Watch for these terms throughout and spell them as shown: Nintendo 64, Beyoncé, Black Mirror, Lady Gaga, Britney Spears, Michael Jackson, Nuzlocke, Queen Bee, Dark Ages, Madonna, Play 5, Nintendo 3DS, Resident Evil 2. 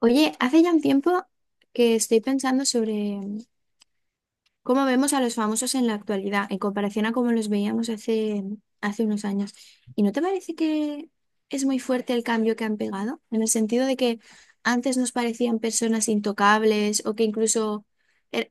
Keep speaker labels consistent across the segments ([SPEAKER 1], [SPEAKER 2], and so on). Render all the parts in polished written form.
[SPEAKER 1] Oye, hace ya un tiempo que estoy pensando sobre cómo vemos a los famosos en la actualidad, en comparación a cómo los veíamos hace unos años. ¿Y no te parece que es muy fuerte el cambio que han pegado? En el sentido de que antes nos parecían personas intocables o que incluso er-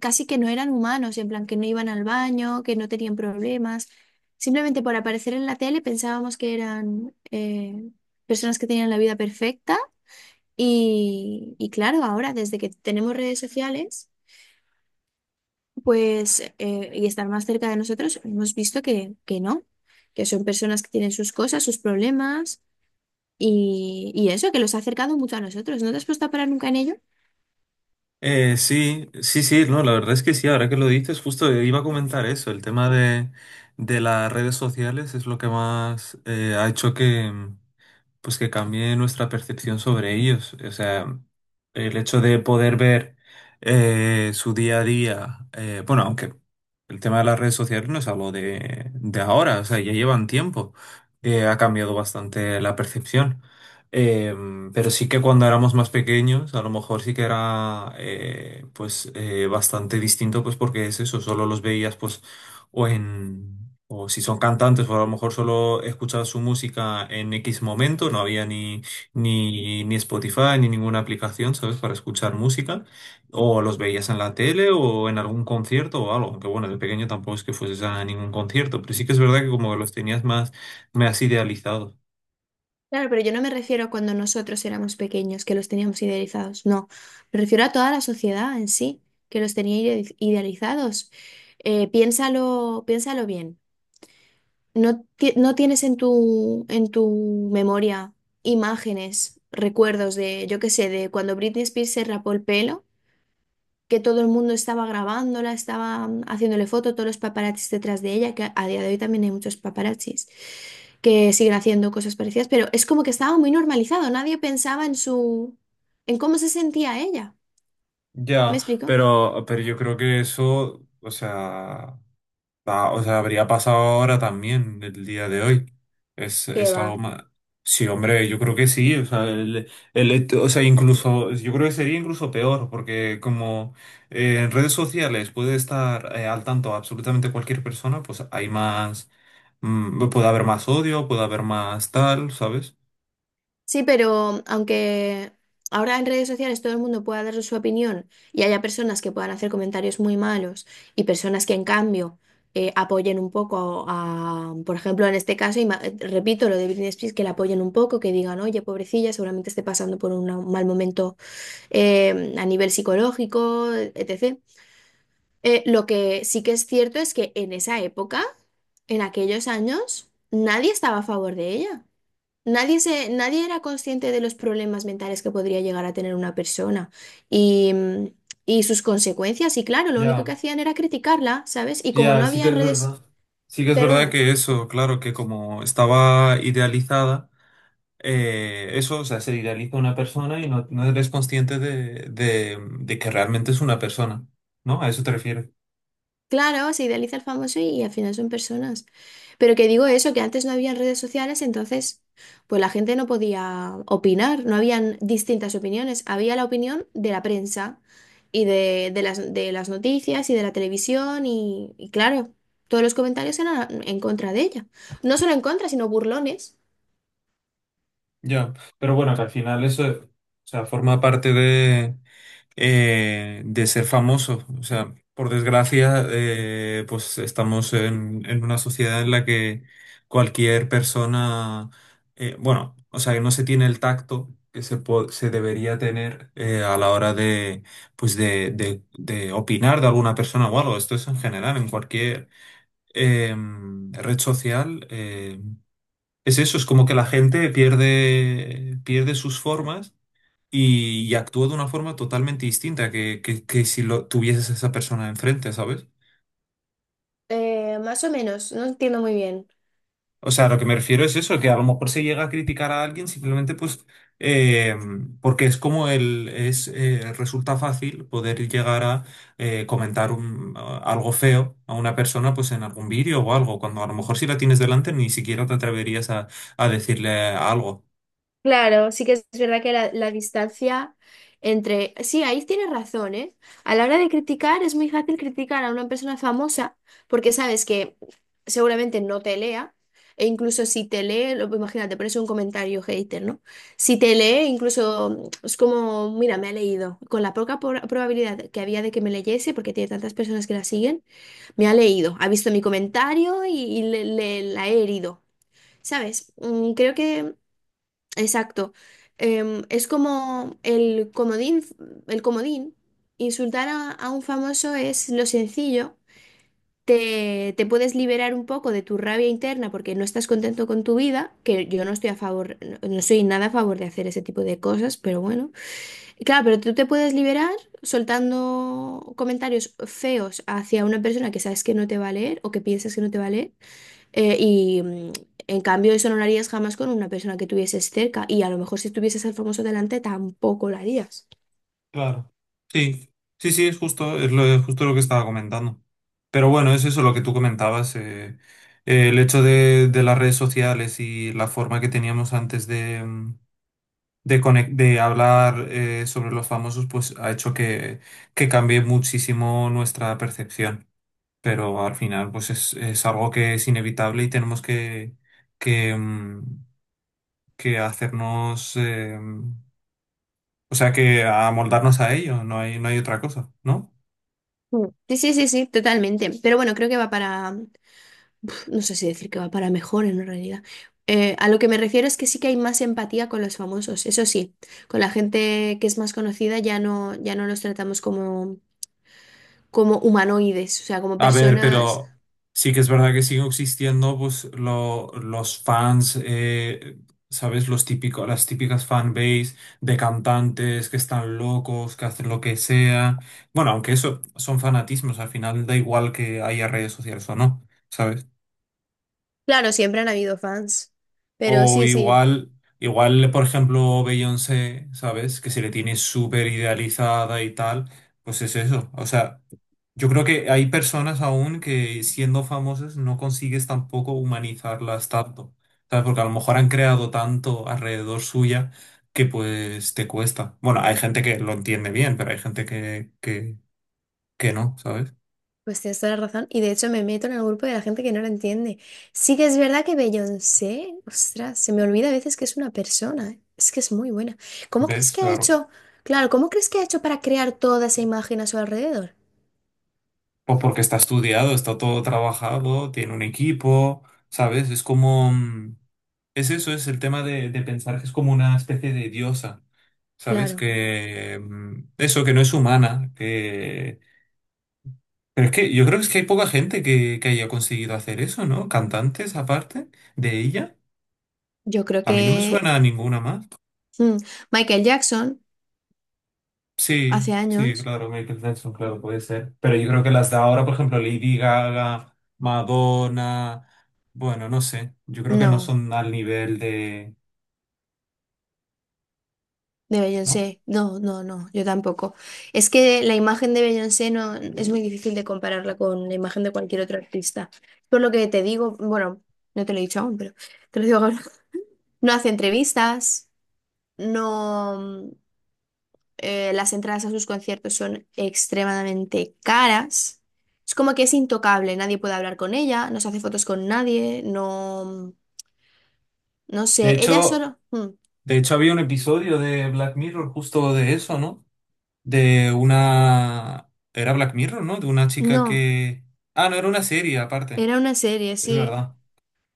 [SPEAKER 1] casi que no eran humanos, en plan que no iban al baño, que no tenían problemas. Simplemente por aparecer en la tele pensábamos que eran personas que tenían la vida perfecta y claro, ahora desde que tenemos redes sociales, pues, y estar más cerca de nosotros, hemos visto que no, que son personas que tienen sus cosas, sus problemas, y eso, que los ha acercado mucho a nosotros. ¿No te has puesto a parar nunca en ello?
[SPEAKER 2] Sí, sí, sí, no, la verdad es que sí, ahora que lo dices, justo iba a comentar eso, el tema de las redes sociales es lo que más ha hecho que pues que cambie nuestra percepción sobre ellos. O sea, el hecho de poder ver su día a día, bueno, aunque el tema de las redes sociales no es algo de ahora, o sea, ya llevan tiempo, ha cambiado bastante la percepción. Eh, pero sí que cuando éramos más pequeños, a lo mejor sí que era pues bastante distinto, pues porque es eso, solo los veías pues o en o si son cantantes, o a lo mejor solo escuchaba su música en X momento, no había ni Spotify ni ninguna aplicación, ¿sabes? Para escuchar música, o los veías en la tele o en algún concierto o algo, que bueno, de pequeño tampoco es que fueses a ningún concierto, pero sí que es verdad que como que los tenías más idealizados.
[SPEAKER 1] Claro, pero yo no me refiero a cuando nosotros éramos pequeños, que los teníamos idealizados, no. Me refiero a toda la sociedad en sí, que los tenía idealizados. Piénsalo, piénsalo bien. No, no tienes en tu memoria imágenes, recuerdos de, yo qué sé, de cuando Britney Spears se rapó el pelo, que todo el mundo estaba grabándola, estaba haciéndole foto, todos los paparazzis detrás de ella, que a día de hoy también hay muchos paparazzis que siguen haciendo cosas parecidas, pero es como que estaba muy normalizado, nadie pensaba en su, en cómo se sentía ella. ¿Me
[SPEAKER 2] Ya,
[SPEAKER 1] explico?
[SPEAKER 2] pero yo creo que eso, o sea... Ah, o sea, habría pasado ahora también, el día de hoy.
[SPEAKER 1] ¿Qué
[SPEAKER 2] Es algo
[SPEAKER 1] va?
[SPEAKER 2] más. Sí, hombre, yo creo que sí. O sea, el hecho- o sea, incluso, yo creo que sería incluso peor, porque como en redes sociales puede estar al tanto absolutamente cualquier persona, pues hay más, puede haber más odio, puede haber más tal, ¿sabes?
[SPEAKER 1] Sí, pero aunque ahora en redes sociales todo el mundo pueda dar su opinión y haya personas que puedan hacer comentarios muy malos y personas que en cambio apoyen un poco a, por ejemplo, en este caso, repito lo de Britney Spears, que la apoyen un poco, que digan, oye, pobrecilla, seguramente esté pasando por un mal momento a nivel psicológico, etc. Lo que sí que es cierto es que en esa época, en aquellos años, nadie estaba a favor de ella. Nadie era consciente de los problemas mentales que podría llegar a tener una persona y, y sus consecuencias. Y claro, lo único que
[SPEAKER 2] Ya,
[SPEAKER 1] hacían era criticarla, ¿sabes? Y como no
[SPEAKER 2] ya, sí que
[SPEAKER 1] había
[SPEAKER 2] es
[SPEAKER 1] redes,
[SPEAKER 2] verdad. Sí que es verdad
[SPEAKER 1] perdona,
[SPEAKER 2] que eso, claro, que como estaba idealizada. Eso, o sea, se idealiza una persona y no, no eres consciente de que realmente es una persona, ¿no? ¿A eso te refieres?
[SPEAKER 1] claro, se idealiza el famoso y, al final son personas. Pero que digo eso, que antes no habían redes sociales, entonces pues la gente no podía opinar, no habían distintas opiniones, había la opinión de la prensa y de las noticias y de la televisión y claro, todos los comentarios eran en contra de ella. No solo en contra, sino burlones.
[SPEAKER 2] Ya, pero bueno, que al final eso, o sea, forma parte de ser famoso. O sea, por desgracia, pues estamos en una sociedad en la que cualquier persona, bueno, o sea, que no se tiene el tacto que se debería tener a la hora de, pues de opinar de alguna persona o algo. Esto es en general, en cualquier red social. Es eso, es como que la gente pierde sus formas y actúa de una forma totalmente distinta que si lo tuvieses a esa persona enfrente, ¿sabes?
[SPEAKER 1] Más o menos, no entiendo muy bien.
[SPEAKER 2] O sea, lo que me refiero es eso, que a lo mejor se llega a criticar a alguien simplemente pues eh, porque es como resulta fácil poder llegar a comentar algo feo a una persona pues en algún vídeo o algo, cuando a lo mejor si la tienes delante ni siquiera te atreverías a decirle algo.
[SPEAKER 1] Claro, sí que es verdad que la distancia entre... Sí, ahí tienes razón, ¿eh? A la hora de criticar es muy fácil criticar a una persona famosa porque sabes que seguramente no te lea e incluso si te lee, imagínate, por eso un comentario hater, ¿no? Si te lee, incluso es como, mira, me ha leído. Con la poca probabilidad que había de que me leyese, porque tiene tantas personas que la siguen, me ha leído, ha visto mi comentario y, la he herido. ¿Sabes? Creo que... Exacto. Es como el comodín, el comodín. Insultar a un famoso es lo sencillo. Te puedes liberar un poco de tu rabia interna porque no estás contento con tu vida, que yo no estoy a favor, no, no soy nada a favor de hacer ese tipo de cosas, pero bueno. Claro, pero tú te puedes liberar soltando comentarios feos hacia una persona que sabes que no te va a leer o que piensas que no te va a leer. eh, y mm, en cambio eso no lo harías jamás con una persona que tuvieses cerca. Y a lo mejor si tuvieses al famoso delante tampoco lo harías.
[SPEAKER 2] Claro. Sí, sí, sí, es justo, es justo lo que estaba comentando. Pero bueno, es eso lo que tú comentabas. El hecho de las redes sociales y la forma que teníamos antes de, de, de hablar sobre los famosos, pues ha hecho que cambie muchísimo nuestra percepción. Pero al final, pues es algo que es inevitable y tenemos que, mm, que hacernos, o sea, que amoldarnos a ello. No hay, no hay otra cosa, ¿no?
[SPEAKER 1] Mm. Sí, sí, sí, sí, totalmente. Pero bueno, creo que no sé si decir que va para mejor en realidad. A lo que me refiero es que sí que hay más empatía con los famosos. Eso sí, con la gente que es más conocida ya no los tratamos como como humanoides, o sea, como
[SPEAKER 2] A ver,
[SPEAKER 1] personas.
[SPEAKER 2] pero sí que es verdad que siguen existiendo pues los fans, ¿sabes? Los típicos, las típicas fanbase de cantantes que están locos, que hacen lo que sea. Bueno, aunque eso son fanatismos, al final da igual que haya redes sociales o no, ¿sabes?
[SPEAKER 1] Claro, siempre han habido fans, pero
[SPEAKER 2] O
[SPEAKER 1] sí, sí,
[SPEAKER 2] igual, igual, por ejemplo, Beyoncé, ¿sabes? Que se le tiene súper idealizada y tal, pues es eso. O sea, yo creo que hay personas aún que siendo famosas no consigues tampoco humanizarlas tanto, ¿sabes? Porque a lo mejor han creado tanto alrededor suya que pues te cuesta. Bueno, hay gente que lo entiende bien, pero hay gente que no, ¿sabes?
[SPEAKER 1] pues tienes toda la razón. Y de hecho me meto en el grupo de la gente que no lo entiende. Sí que es verdad que Beyoncé, ostras, se me olvida a veces que es una persona, ¿eh? Es que es muy buena. ¿Cómo crees
[SPEAKER 2] ¿Ves?
[SPEAKER 1] que ha
[SPEAKER 2] Claro.
[SPEAKER 1] hecho? Claro, ¿cómo crees que ha hecho para crear toda esa imagen a su alrededor?
[SPEAKER 2] Pues porque está estudiado, está todo trabajado, tiene un equipo, ¿sabes? Es como... es eso, es el tema de pensar que es como una especie de diosa, ¿sabes?
[SPEAKER 1] Claro,
[SPEAKER 2] Que eso, que no es humana, que... Pero es que yo creo que es que hay poca gente que haya conseguido hacer eso, ¿no? Cantantes aparte de ella.
[SPEAKER 1] yo creo
[SPEAKER 2] A mí no me
[SPEAKER 1] que
[SPEAKER 2] suena a ninguna más.
[SPEAKER 1] mm, Michael Jackson,
[SPEAKER 2] Sí,
[SPEAKER 1] hace
[SPEAKER 2] sí,
[SPEAKER 1] años,
[SPEAKER 2] claro, Michael Jackson, claro, puede ser. Pero yo creo que las de ahora, por ejemplo, Lady Gaga, Madonna, bueno, no sé, yo creo que no
[SPEAKER 1] no.
[SPEAKER 2] son al nivel de...
[SPEAKER 1] De
[SPEAKER 2] ¿no?
[SPEAKER 1] Beyoncé, no, no, no, yo tampoco. Es que la imagen de Beyoncé no es muy difícil de compararla con la imagen de cualquier otro artista. Por lo que te digo, bueno, no te lo he dicho aún, pero te lo digo ahora. No hace entrevistas, no, las entradas a sus conciertos son extremadamente caras. Es como que es intocable, nadie puede hablar con ella, no se hace fotos con nadie, no, no
[SPEAKER 2] De
[SPEAKER 1] sé, ella
[SPEAKER 2] hecho,
[SPEAKER 1] solo, mm,
[SPEAKER 2] De hecho, había un episodio de Black Mirror justo de eso, ¿no? De una... Era Black Mirror, ¿no? De una chica
[SPEAKER 1] no,
[SPEAKER 2] que... Ah, no, era una serie aparte,
[SPEAKER 1] era una serie,
[SPEAKER 2] es
[SPEAKER 1] sí.
[SPEAKER 2] verdad.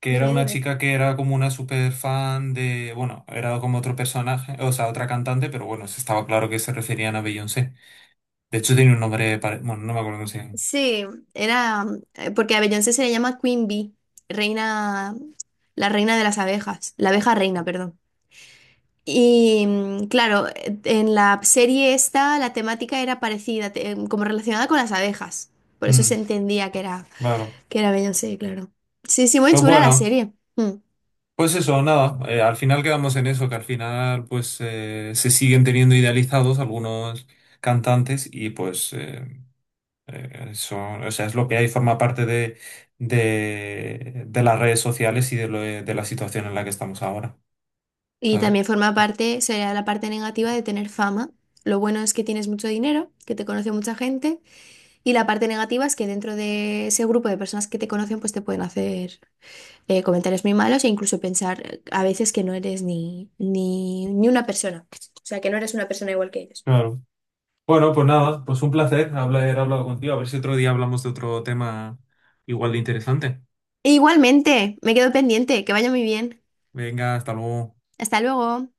[SPEAKER 2] Que era
[SPEAKER 1] Dime,
[SPEAKER 2] una
[SPEAKER 1] dime.
[SPEAKER 2] chica que era como una super fan de... Bueno, era como otro personaje, o sea, otra cantante, pero bueno, se estaba claro que se referían a Beyoncé. De hecho, tiene un nombre... Bueno, no me acuerdo cómo se llama.
[SPEAKER 1] Sí, era porque a Beyoncé se le llama Queen Bee, reina, la reina de las abejas, la abeja reina, perdón. Y claro, en la serie esta la temática era parecida, como relacionada con las abejas. Por eso se
[SPEAKER 2] Mm,
[SPEAKER 1] entendía
[SPEAKER 2] claro.
[SPEAKER 1] que era Beyoncé, claro. Sí, sí, muy
[SPEAKER 2] Pues
[SPEAKER 1] chula la
[SPEAKER 2] bueno.
[SPEAKER 1] serie. Mm.
[SPEAKER 2] Pues eso, nada, al final quedamos en eso, que al final pues se siguen teniendo idealizados algunos cantantes y pues eso, o sea, es lo que hay, forma parte de, de las redes sociales y de, de la situación en la que estamos ahora,
[SPEAKER 1] Y
[SPEAKER 2] ¿sabes?
[SPEAKER 1] también forma parte, sería la parte negativa de tener fama. Lo bueno es que tienes mucho dinero, que te conoce mucha gente. Y la parte negativa es que dentro de ese grupo de personas que te conocen, pues te pueden hacer comentarios muy malos e incluso pensar a veces que no eres ni una persona. O sea, que no eres una persona igual que ellos.
[SPEAKER 2] Claro. Bueno, pues nada, pues un placer haber hablado contigo, a ver si otro día hablamos de otro tema igual de interesante.
[SPEAKER 1] E igualmente, me quedo pendiente. Que vaya muy bien.
[SPEAKER 2] Venga, hasta luego.
[SPEAKER 1] Hasta luego.